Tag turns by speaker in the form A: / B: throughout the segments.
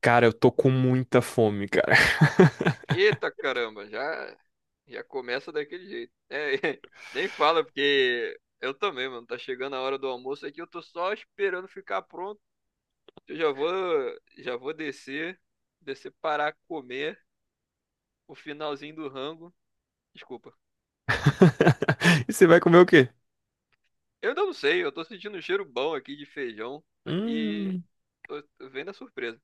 A: Cara, eu tô com muita fome, cara.
B: Eita caramba, já, já começa daquele jeito. É, nem fala, porque eu também, mano, tá chegando a hora do almoço aqui, eu tô só esperando ficar pronto. Eu já vou descer para comer o finalzinho do rango. Desculpa.
A: E você vai comer o quê?
B: Eu ainda não sei, eu tô sentindo um cheiro bom aqui de feijão. Aqui,
A: Hum,
B: tô vendo a surpresa.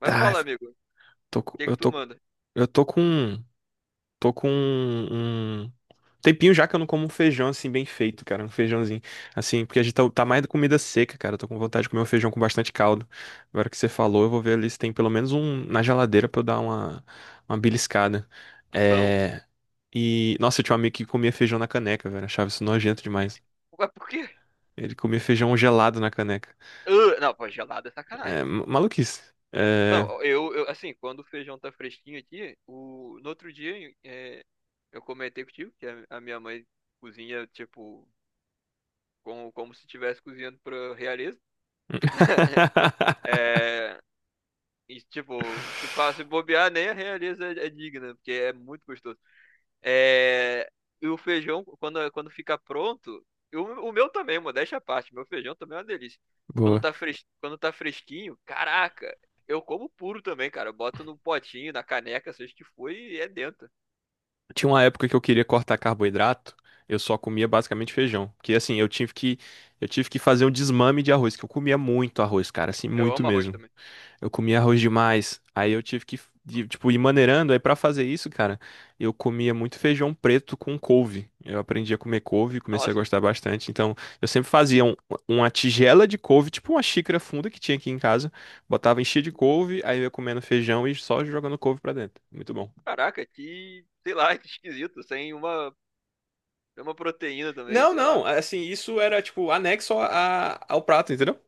B: Mas
A: tá,
B: fala, amigo, o
A: tô, com-
B: que que tu manda?
A: eu tô com, tô com um tempinho já que eu não como um feijão assim bem feito, cara, um feijãozinho assim, porque a gente tá mais da comida seca, cara. Eu tô com vontade de comer um feijão com bastante caldo. Agora que você falou, eu vou ver ali se tem pelo menos um na geladeira pra eu dar uma beliscada.
B: Bom.
A: É, e nossa, eu tinha um amigo que comia feijão na caneca, velho. Achava isso nojento demais.
B: Mas por quê?
A: Ele comia feijão gelado na caneca.
B: Ah, não, pô, gelado é
A: É,
B: sacanagem.
A: maluquice. É.
B: Não, eu, assim, quando o feijão tá fresquinho aqui, no outro dia é, eu comentei contigo que a minha mãe cozinha, tipo, como se estivesse cozinhando pra realeza. É, e, tipo, se bobear, nem a realeza é digna, porque é muito gostoso. É, e o feijão, quando fica pronto, e o meu também, modéstia à parte, meu feijão também é uma delícia.
A: Boa.
B: Quando tá fresquinho, caraca, eu como puro também, cara. Eu boto no potinho, na caneca, seja o que for, e é dentro.
A: Tinha uma época que eu queria cortar carboidrato, eu só comia basicamente feijão. Porque assim, eu tive que fazer um desmame de arroz, que eu comia muito arroz, cara, assim,
B: Eu
A: muito
B: amo arroz
A: mesmo.
B: também.
A: Eu comia arroz demais. Aí eu tive que, tipo, ir maneirando. Aí pra fazer isso, cara, eu comia muito feijão preto com couve. Eu aprendi a comer couve, comecei a
B: Nossa,
A: gostar bastante. Então, eu sempre fazia uma tigela de couve, tipo uma xícara funda que tinha aqui em casa. Botava, enchia de couve, aí eu ia comendo feijão e só jogando couve pra dentro. Muito bom.
B: caraca, que, sei lá, que esquisito, sem uma proteína também,
A: Não,
B: sei lá.
A: não, assim, isso era, tipo, anexo ao prato, entendeu?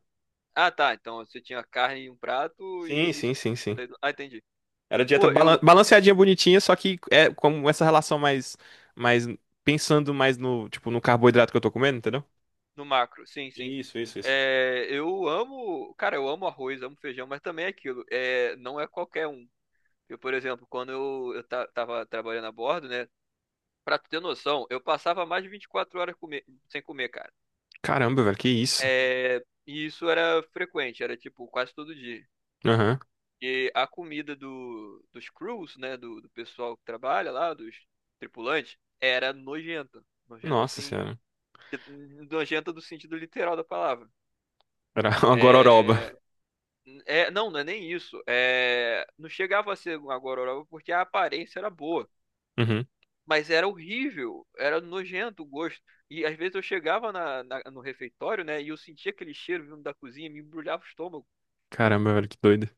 B: Ah, tá, então você tinha carne em um prato
A: Sim,
B: e isso.
A: sim, sim, sim.
B: Ah, entendi.
A: Era dieta
B: Pô,
A: balanceadinha, bonitinha, só que é como essa relação mais pensando mais no, tipo, no carboidrato que eu tô comendo, entendeu?
B: no macro, sim, sim.
A: Isso, isso, isso.
B: É, eu amo, cara, eu amo arroz, amo feijão, mas também é aquilo, é, não é qualquer um. Eu, por exemplo, quando eu tava trabalhando a bordo, né, pra tu ter noção, eu passava mais de 24 horas sem comer, cara.
A: Caramba, velho, que isso?
B: É, e isso era frequente, era tipo quase todo dia.
A: Aham.
B: E a comida dos crews, né, do pessoal que trabalha lá, dos tripulantes, era nojenta. Nojenta,
A: Nossa
B: assim,
A: senhora.
B: nojenta do sentido literal da palavra.
A: Era uma gororoba.
B: É, É, não, não é nem isso. É, não chegava a ser uma gororoba porque a aparência era boa,
A: Uhum.
B: mas era horrível, era nojento o gosto. E às vezes eu chegava na, no refeitório, né, e eu sentia aquele cheiro vindo da cozinha, me embrulhava o estômago.
A: Caramba, velho, que doido.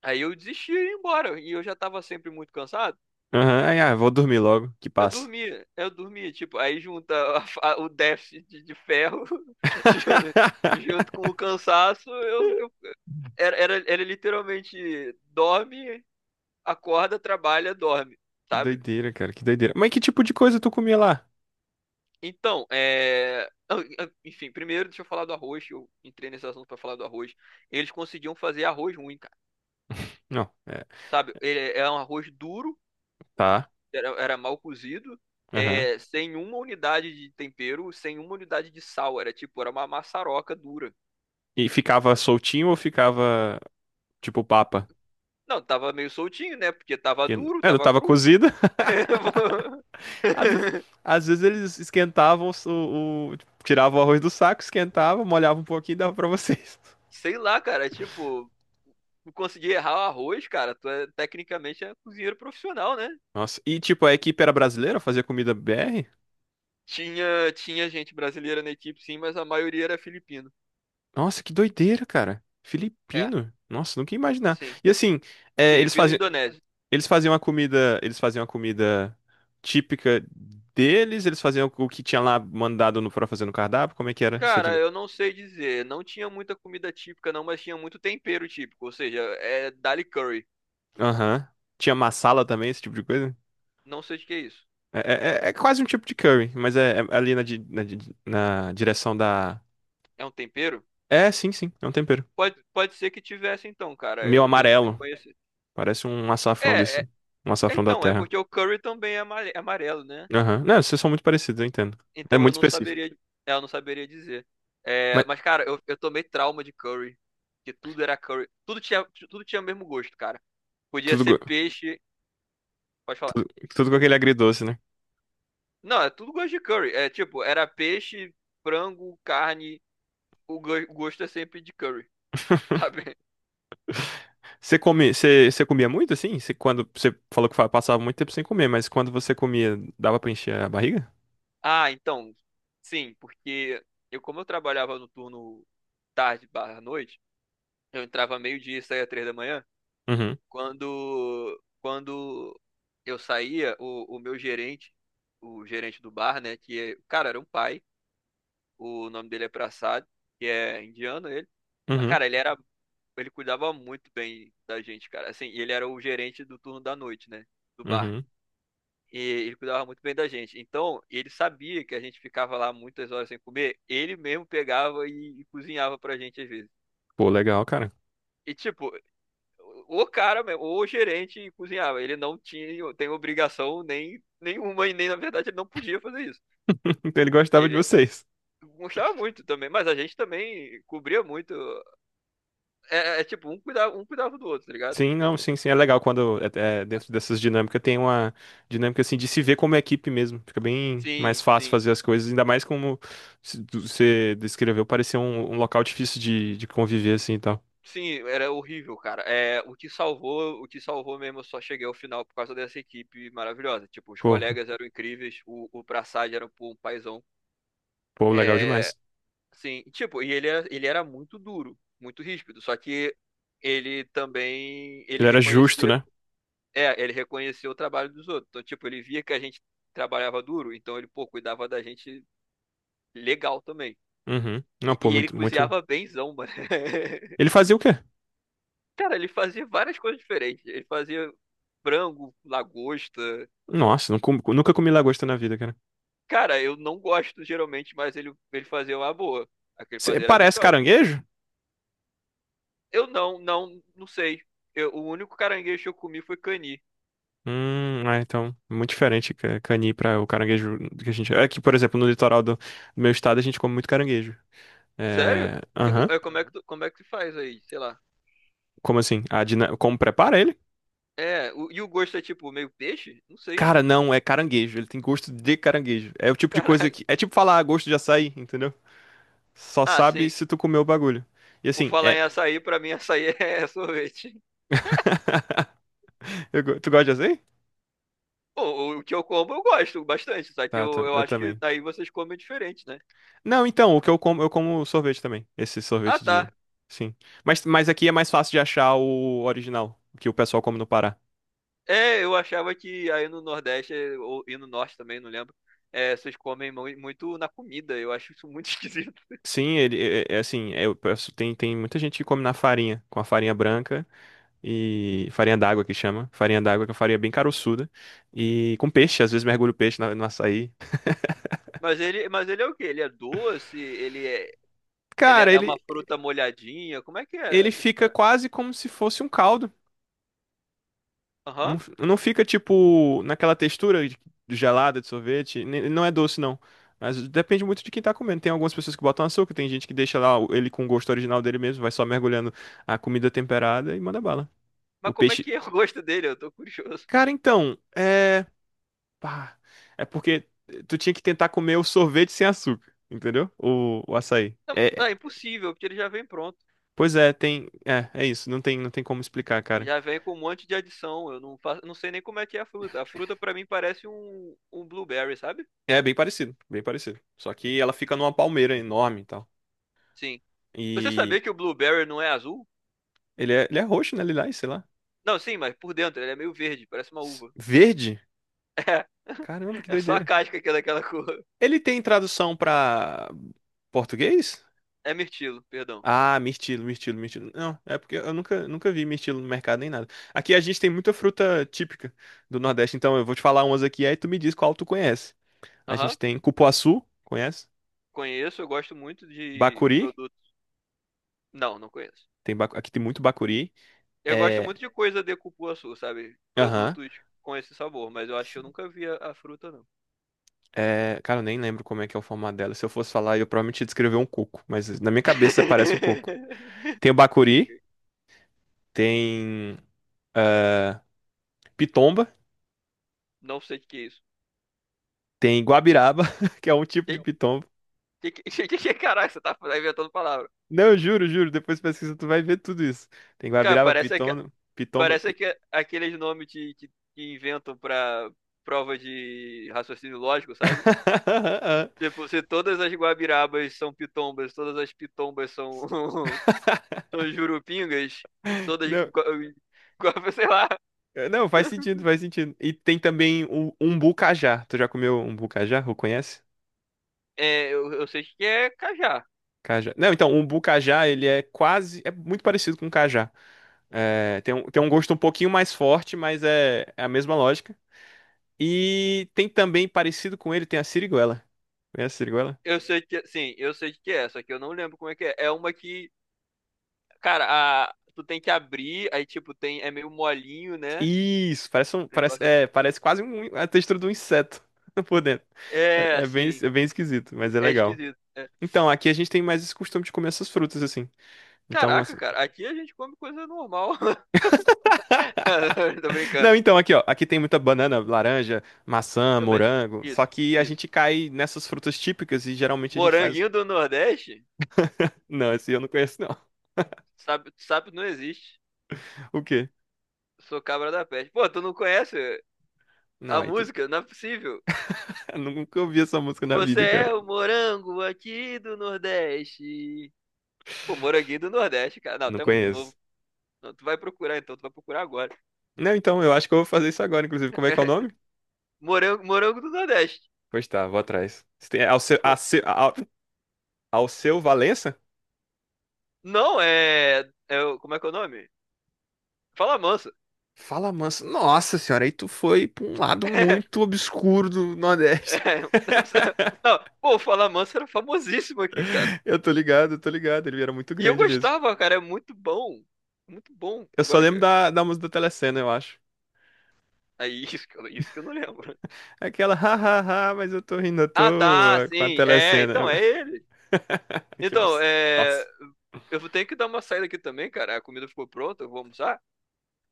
B: Aí eu desistia e ia embora, e eu já estava sempre muito cansado.
A: Aham. Ai, ah, vou dormir logo, que
B: Eu
A: passa.
B: dormia, eu dormia, tipo, aí junta o déficit de ferro ju- junto com o cansaço, era literalmente dorme, acorda, trabalha, dorme,
A: Que
B: sabe?
A: doideira, cara, que doideira. Mas que tipo de coisa tu comia lá?
B: Então, enfim, primeiro deixa eu falar do arroz. Eu entrei nesse assunto para falar do arroz. Eles conseguiam fazer arroz ruim, cara.
A: Não, é,
B: Sabe? Ele é um arroz duro,
A: tá.
B: era mal cozido,
A: Aham.
B: é, sem uma unidade de tempero, sem uma unidade de sal. Era tipo, era uma maçaroca dura.
A: E ficava soltinho ou ficava tipo papa?
B: Não, tava meio soltinho, né? Porque tava duro,
A: É, não
B: tava
A: tava
B: cru.
A: cozido. Às vezes, às vezes eles esquentavam tiravam o arroz do saco, esquentavam, molhavam um pouquinho e dava pra vocês.
B: Sei lá, cara. Tipo, conseguir errar o arroz, cara, tu é, tecnicamente é cozinheiro profissional, né?
A: Nossa, e tipo, a equipe era brasileira, fazia comida BR?
B: Tinha gente brasileira na equipe, sim, mas a maioria era filipino.
A: Nossa, que doideira, cara.
B: É,
A: Filipino. Nossa, nunca ia imaginar.
B: sim.
A: E assim, é,
B: Filipino e indonésio.
A: eles faziam a comida típica deles, eles faziam o que tinha lá mandado pra fazer no cardápio, como é que era essa
B: Cara,
A: dinâmica?
B: eu não sei dizer. Não tinha muita comida típica, não, mas tinha muito tempero típico. Ou seja, é dali curry.
A: Aham. Tinha massala também, esse tipo de coisa?
B: Não sei o que é isso.
A: É, quase um tipo de curry, mas é ali na direção da.
B: É um tempero?
A: É, sim, sim, é um tempero.
B: Pode ser que tivesse, então, cara,
A: Meio
B: e eu não
A: amarelo.
B: reconheci.
A: Parece um açafrão
B: É, é,
A: desse. Um açafrão da
B: então, é
A: terra.
B: porque o curry também é é amarelo, né?
A: Aham. Não, vocês são muito parecidos, eu entendo. É
B: Então eu
A: muito
B: não
A: específico.
B: saberia, é, eu não saberia dizer. É,
A: Mas
B: mas, cara, eu tomei trauma de curry. Que tudo era curry. Tudo tinha o mesmo gosto, cara. Podia
A: tudo,
B: ser
A: go-
B: peixe. Pode falar.
A: tudo, tudo com aquele agridoce, né?
B: Não, é tudo gosto de curry. É tipo, era peixe, frango, carne. O gosto é sempre de curry, sabe?
A: Você comia muito assim? Você falou que passava muito tempo sem comer, mas quando você comia, dava pra encher a barriga?
B: Ah, então. Sim, porque como eu trabalhava no turno tarde barra noite, eu entrava meio-dia e saía 3 da manhã.
A: Uhum,
B: Quando eu saía, o meu gerente, o gerente do bar, né? Que, cara, era um pai. O nome dele é Prasad, que é indiano ele. Mas,
A: uhum,
B: cara, ele cuidava muito bem da gente, cara. Assim, e ele era o gerente do turno da noite, né? Do bar.
A: uhum.
B: E ele cuidava muito bem da gente. Então, ele sabia que a gente ficava lá muitas horas sem comer. Ele mesmo pegava e cozinhava pra gente às vezes.
A: Pô, legal, cara.
B: E tipo, o cara mesmo, ou o gerente cozinhava. Ele não tem obrigação nem nenhuma e nem na verdade ele não podia fazer isso.
A: Então ele gostava de
B: Ele
A: vocês.
B: gostava muito também, mas a gente também cobria muito. É, é tipo um cuidava do outro, tá ligado?
A: Sim, não, sim, sim. É legal quando dentro dessas dinâmicas tem uma dinâmica assim de se ver como equipe mesmo. Fica bem mais
B: Sim,
A: fácil
B: sim.
A: fazer as coisas, ainda mais como você descreveu, parecia um local difícil de conviver assim e tal.
B: Sim, era horrível, cara. É, o que salvou mesmo, eu só cheguei ao final por causa dessa equipe maravilhosa. Tipo, os
A: Pô,
B: colegas eram incríveis, o Prassad era pô, um paizão.
A: pô, legal
B: É,
A: demais.
B: sim, tipo, e ele era muito duro, muito ríspido, só que ele também, ele
A: Ele era justo,
B: reconhecia,
A: né?
B: é, ele reconhecia o trabalho dos outros. Então, tipo, ele via que a gente trabalhava duro, então ele, pô, cuidava da gente legal também.
A: Uhum. Não,
B: E,
A: pô,
B: e ele
A: muito, muito.
B: cozinhava benzão, mano.
A: Ele fazia o quê?
B: Cara, ele fazia várias coisas diferentes. Ele fazia frango, lagosta.
A: Nossa, nunca comi lagosta na vida, cara.
B: Cara, eu não gosto geralmente, mas ele fazia uma boa. Aquele
A: Cê-
B: fazer era
A: parece
B: gostosa.
A: caranguejo?
B: Eu não sei. O único caranguejo que eu comi foi cani.
A: É, então, muito diferente cani para o caranguejo que a gente. É que, por exemplo, no litoral do meu estado a gente come muito caranguejo.
B: Sério?
A: É. Aham.
B: Como é que, Uhum. Como é que se faz aí? Sei lá.
A: Como assim? Como prepara ele?
B: É, e o gosto é tipo meio peixe? Não sei.
A: Cara, não, é caranguejo. Ele tem gosto de caranguejo. É o tipo de
B: Caraca.
A: coisa que. É tipo falar "Ah, gosto de açaí, entendeu? Só
B: Ah,
A: sabe
B: sim.
A: se tu comer o bagulho. E
B: Por
A: assim,
B: falar
A: é.
B: em açaí, pra mim açaí é sorvete.
A: Tu gosta de açaí?
B: Bom, o que eu como eu gosto bastante, só que
A: Tá,
B: eu,
A: tá,
B: eu
A: eu
B: acho que
A: também.
B: aí vocês comem diferente, né?
A: Não, então, o que eu como sorvete também. Esse
B: Ah,
A: sorvete de.
B: tá.
A: Sim. Mas aqui é mais fácil de achar o original, que o pessoal come no Pará.
B: É, eu achava que aí no Nordeste, e no Norte também, não lembro, é, vocês comem muito na comida. Eu acho isso muito esquisito.
A: Sim, ele é assim, tem muita gente que come na farinha, com a farinha branca. E farinha d'água que chama. Farinha d'água que é uma farinha bem caroçuda. E com peixe, às vezes mergulho o peixe no açaí.
B: Mas ele é o quê? Ele é doce? Ele é, ele é
A: Cara,
B: é uma
A: ele,
B: fruta molhadinha? Como é que é
A: ele
B: essa
A: fica
B: história?
A: quase como se fosse um caldo.
B: Aham.
A: Não, não fica tipo naquela textura gelada de sorvete. Ele não é doce, não. Mas depende muito de quem tá comendo. Tem algumas pessoas que botam açúcar, tem gente que deixa lá ele com o gosto original dele mesmo, vai só mergulhando a comida temperada e manda bala.
B: Mas
A: O
B: como é
A: peixe.
B: que é o gosto dele? Eu tô curioso.
A: Cara, então, é. Pá. É porque tu tinha que tentar comer o sorvete sem açúcar, entendeu? O açaí.
B: Não,
A: É,
B: não,
A: é-
B: é impossível, porque ele já vem pronto.
A: pois é, tem. É isso. Não tem como explicar, cara.
B: Já vem com um monte de adição. Eu não faço, não sei nem como é que é a fruta. A fruta pra mim parece um blueberry, sabe?
A: É bem parecido, bem parecido. Só que ela fica numa palmeira enorme e tal.
B: Sim. Você sabia
A: E
B: que o blueberry não é azul?
A: ele é roxo, né? Lilás, sei lá.
B: Não, sim, mas por dentro ele é meio verde, parece uma uva.
A: Verde?
B: É.
A: Caramba, que
B: É só a
A: doideira.
B: casca aqui daquela cor.
A: Ele tem tradução pra português?
B: É mirtilo, perdão.
A: Ah, mirtilo, mirtilo, mirtilo. Não, é porque eu nunca, nunca vi mirtilo no mercado nem nada. Aqui a gente tem muita fruta típica do Nordeste, então eu vou te falar umas aqui, aí tu me diz qual tu conhece. A gente
B: Aham.
A: tem cupuaçu, conhece?
B: Conheço, eu gosto muito de
A: Bacuri,
B: produtos. Não, não conheço.
A: aqui tem muito bacuri.
B: Eu gosto
A: É,
B: muito de coisa de cupuaçu, sabe?
A: aham.
B: Produtos com esse sabor, mas eu acho que eu
A: Sim.
B: nunca vi a fruta, não.
A: É, cara, eu nem lembro como é que é o formato dela. Se eu fosse falar, eu provavelmente ia descrever um coco, mas na minha cabeça parece um coco. Tem o bacuri, tem ah, pitomba,
B: Não sei o que que é isso.
A: tem guabiraba, que é um tipo de
B: Que,
A: pitomba.
B: caraca, você tá inventando palavra.
A: Não, eu juro, juro. Depois pesquisa, tu vai ver tudo isso. Tem
B: Cara,
A: Guabiraba, Piton, Pitomba.
B: parece que aqueles nomes que inventam pra prova de raciocínio lógico, sabe? Tipo, se todas as guabirabas são pitombas, todas as pitombas são, são jurupingas, todas.
A: Não,
B: Sei lá.
A: não, faz sentido, faz sentido. E tem também o umbu cajá. Tu já comeu umbu cajá? Ou conhece?
B: É, eu sei que é cajá.
A: Cajá. Não, então, o umbu cajá, ele é quase. É muito parecido com cajá. É, tem um gosto um pouquinho mais forte, mas é a mesma lógica. E tem também, parecido com ele, tem a siriguela. Conhece a siriguela?
B: Eu sei que, sim, eu sei que é, só que eu não lembro como é que é. É uma que, cara, a, tu tem que abrir, aí tipo tem, é meio molinho, né?
A: Isso, parece, um,
B: Um
A: parece,
B: negócio assim.
A: é, parece quase a textura de um inseto por dentro.
B: É,
A: É, é bem,
B: assim,
A: é bem esquisito, mas é
B: é
A: legal.
B: esquisito, é.
A: Então, aqui a gente tem mais esse costume de comer essas frutas, assim. Então,
B: Caraca,
A: assim.
B: cara, aqui a gente come coisa normal. Tô
A: Não,
B: brincando.
A: então, aqui, ó. Aqui tem muita banana, laranja, maçã,
B: Também.
A: morango. Só
B: Isso,
A: que a
B: isso.
A: gente cai nessas frutas típicas e geralmente a gente faz.
B: Moranguinho do Nordeste?
A: Não, esse eu não conheço, não.
B: Sabe, sabe não existe.
A: O quê?
B: Sou cabra da peste. Pô, tu não conhece
A: Não,
B: a
A: aí tu.
B: música? Não é possível.
A: Eu nunca ouvi essa música na
B: Você
A: vida,
B: é
A: cara.
B: o morango aqui do Nordeste. Pô, moranguinho do Nordeste, cara. Não,
A: Não
B: tu é muito novo.
A: conheço.
B: Não, tu vai procurar então, tu vai procurar agora.
A: Não, então, eu acho que eu vou fazer isso agora, inclusive. Como é que é o nome?
B: Morango, morango do Nordeste.
A: Pois tá, vou atrás. Você tem- é, Alce- Ace- Al- Ao seu Valença?
B: Não é. Como é que é o nome? Fala Manso.
A: Fala mansa. Nossa senhora, aí tu foi pra um lado muito obscuro do Nordeste.
B: É, não, não, pô, o Fala Manso era famosíssimo aqui, cara.
A: Eu tô ligado, eu tô ligado. Ele era muito
B: E eu
A: grande mesmo.
B: gostava, cara. É muito bom. Muito bom.
A: Eu só
B: Agora
A: lembro
B: que.
A: da música da Telecena, eu acho.
B: É isso que eu não lembro.
A: Aquela, hahaha, mas eu tô rindo à
B: Ah, tá,
A: toa com a
B: sim. É, então
A: Telecena.
B: é ele.
A: Que
B: Então,
A: abs-
B: é.
A: Nossa.
B: Eu vou ter que dar uma saída aqui também, cara. A comida ficou pronta, eu vou almoçar.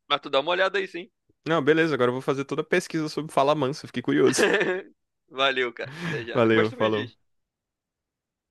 B: Mas tu dá uma olhada aí, sim.
A: Não, beleza, agora eu vou fazer toda a pesquisa sobre Fala Mansa. Fiquei curioso.
B: Valeu, cara. Até já. Depois
A: Valeu,
B: tu me diz.
A: falou.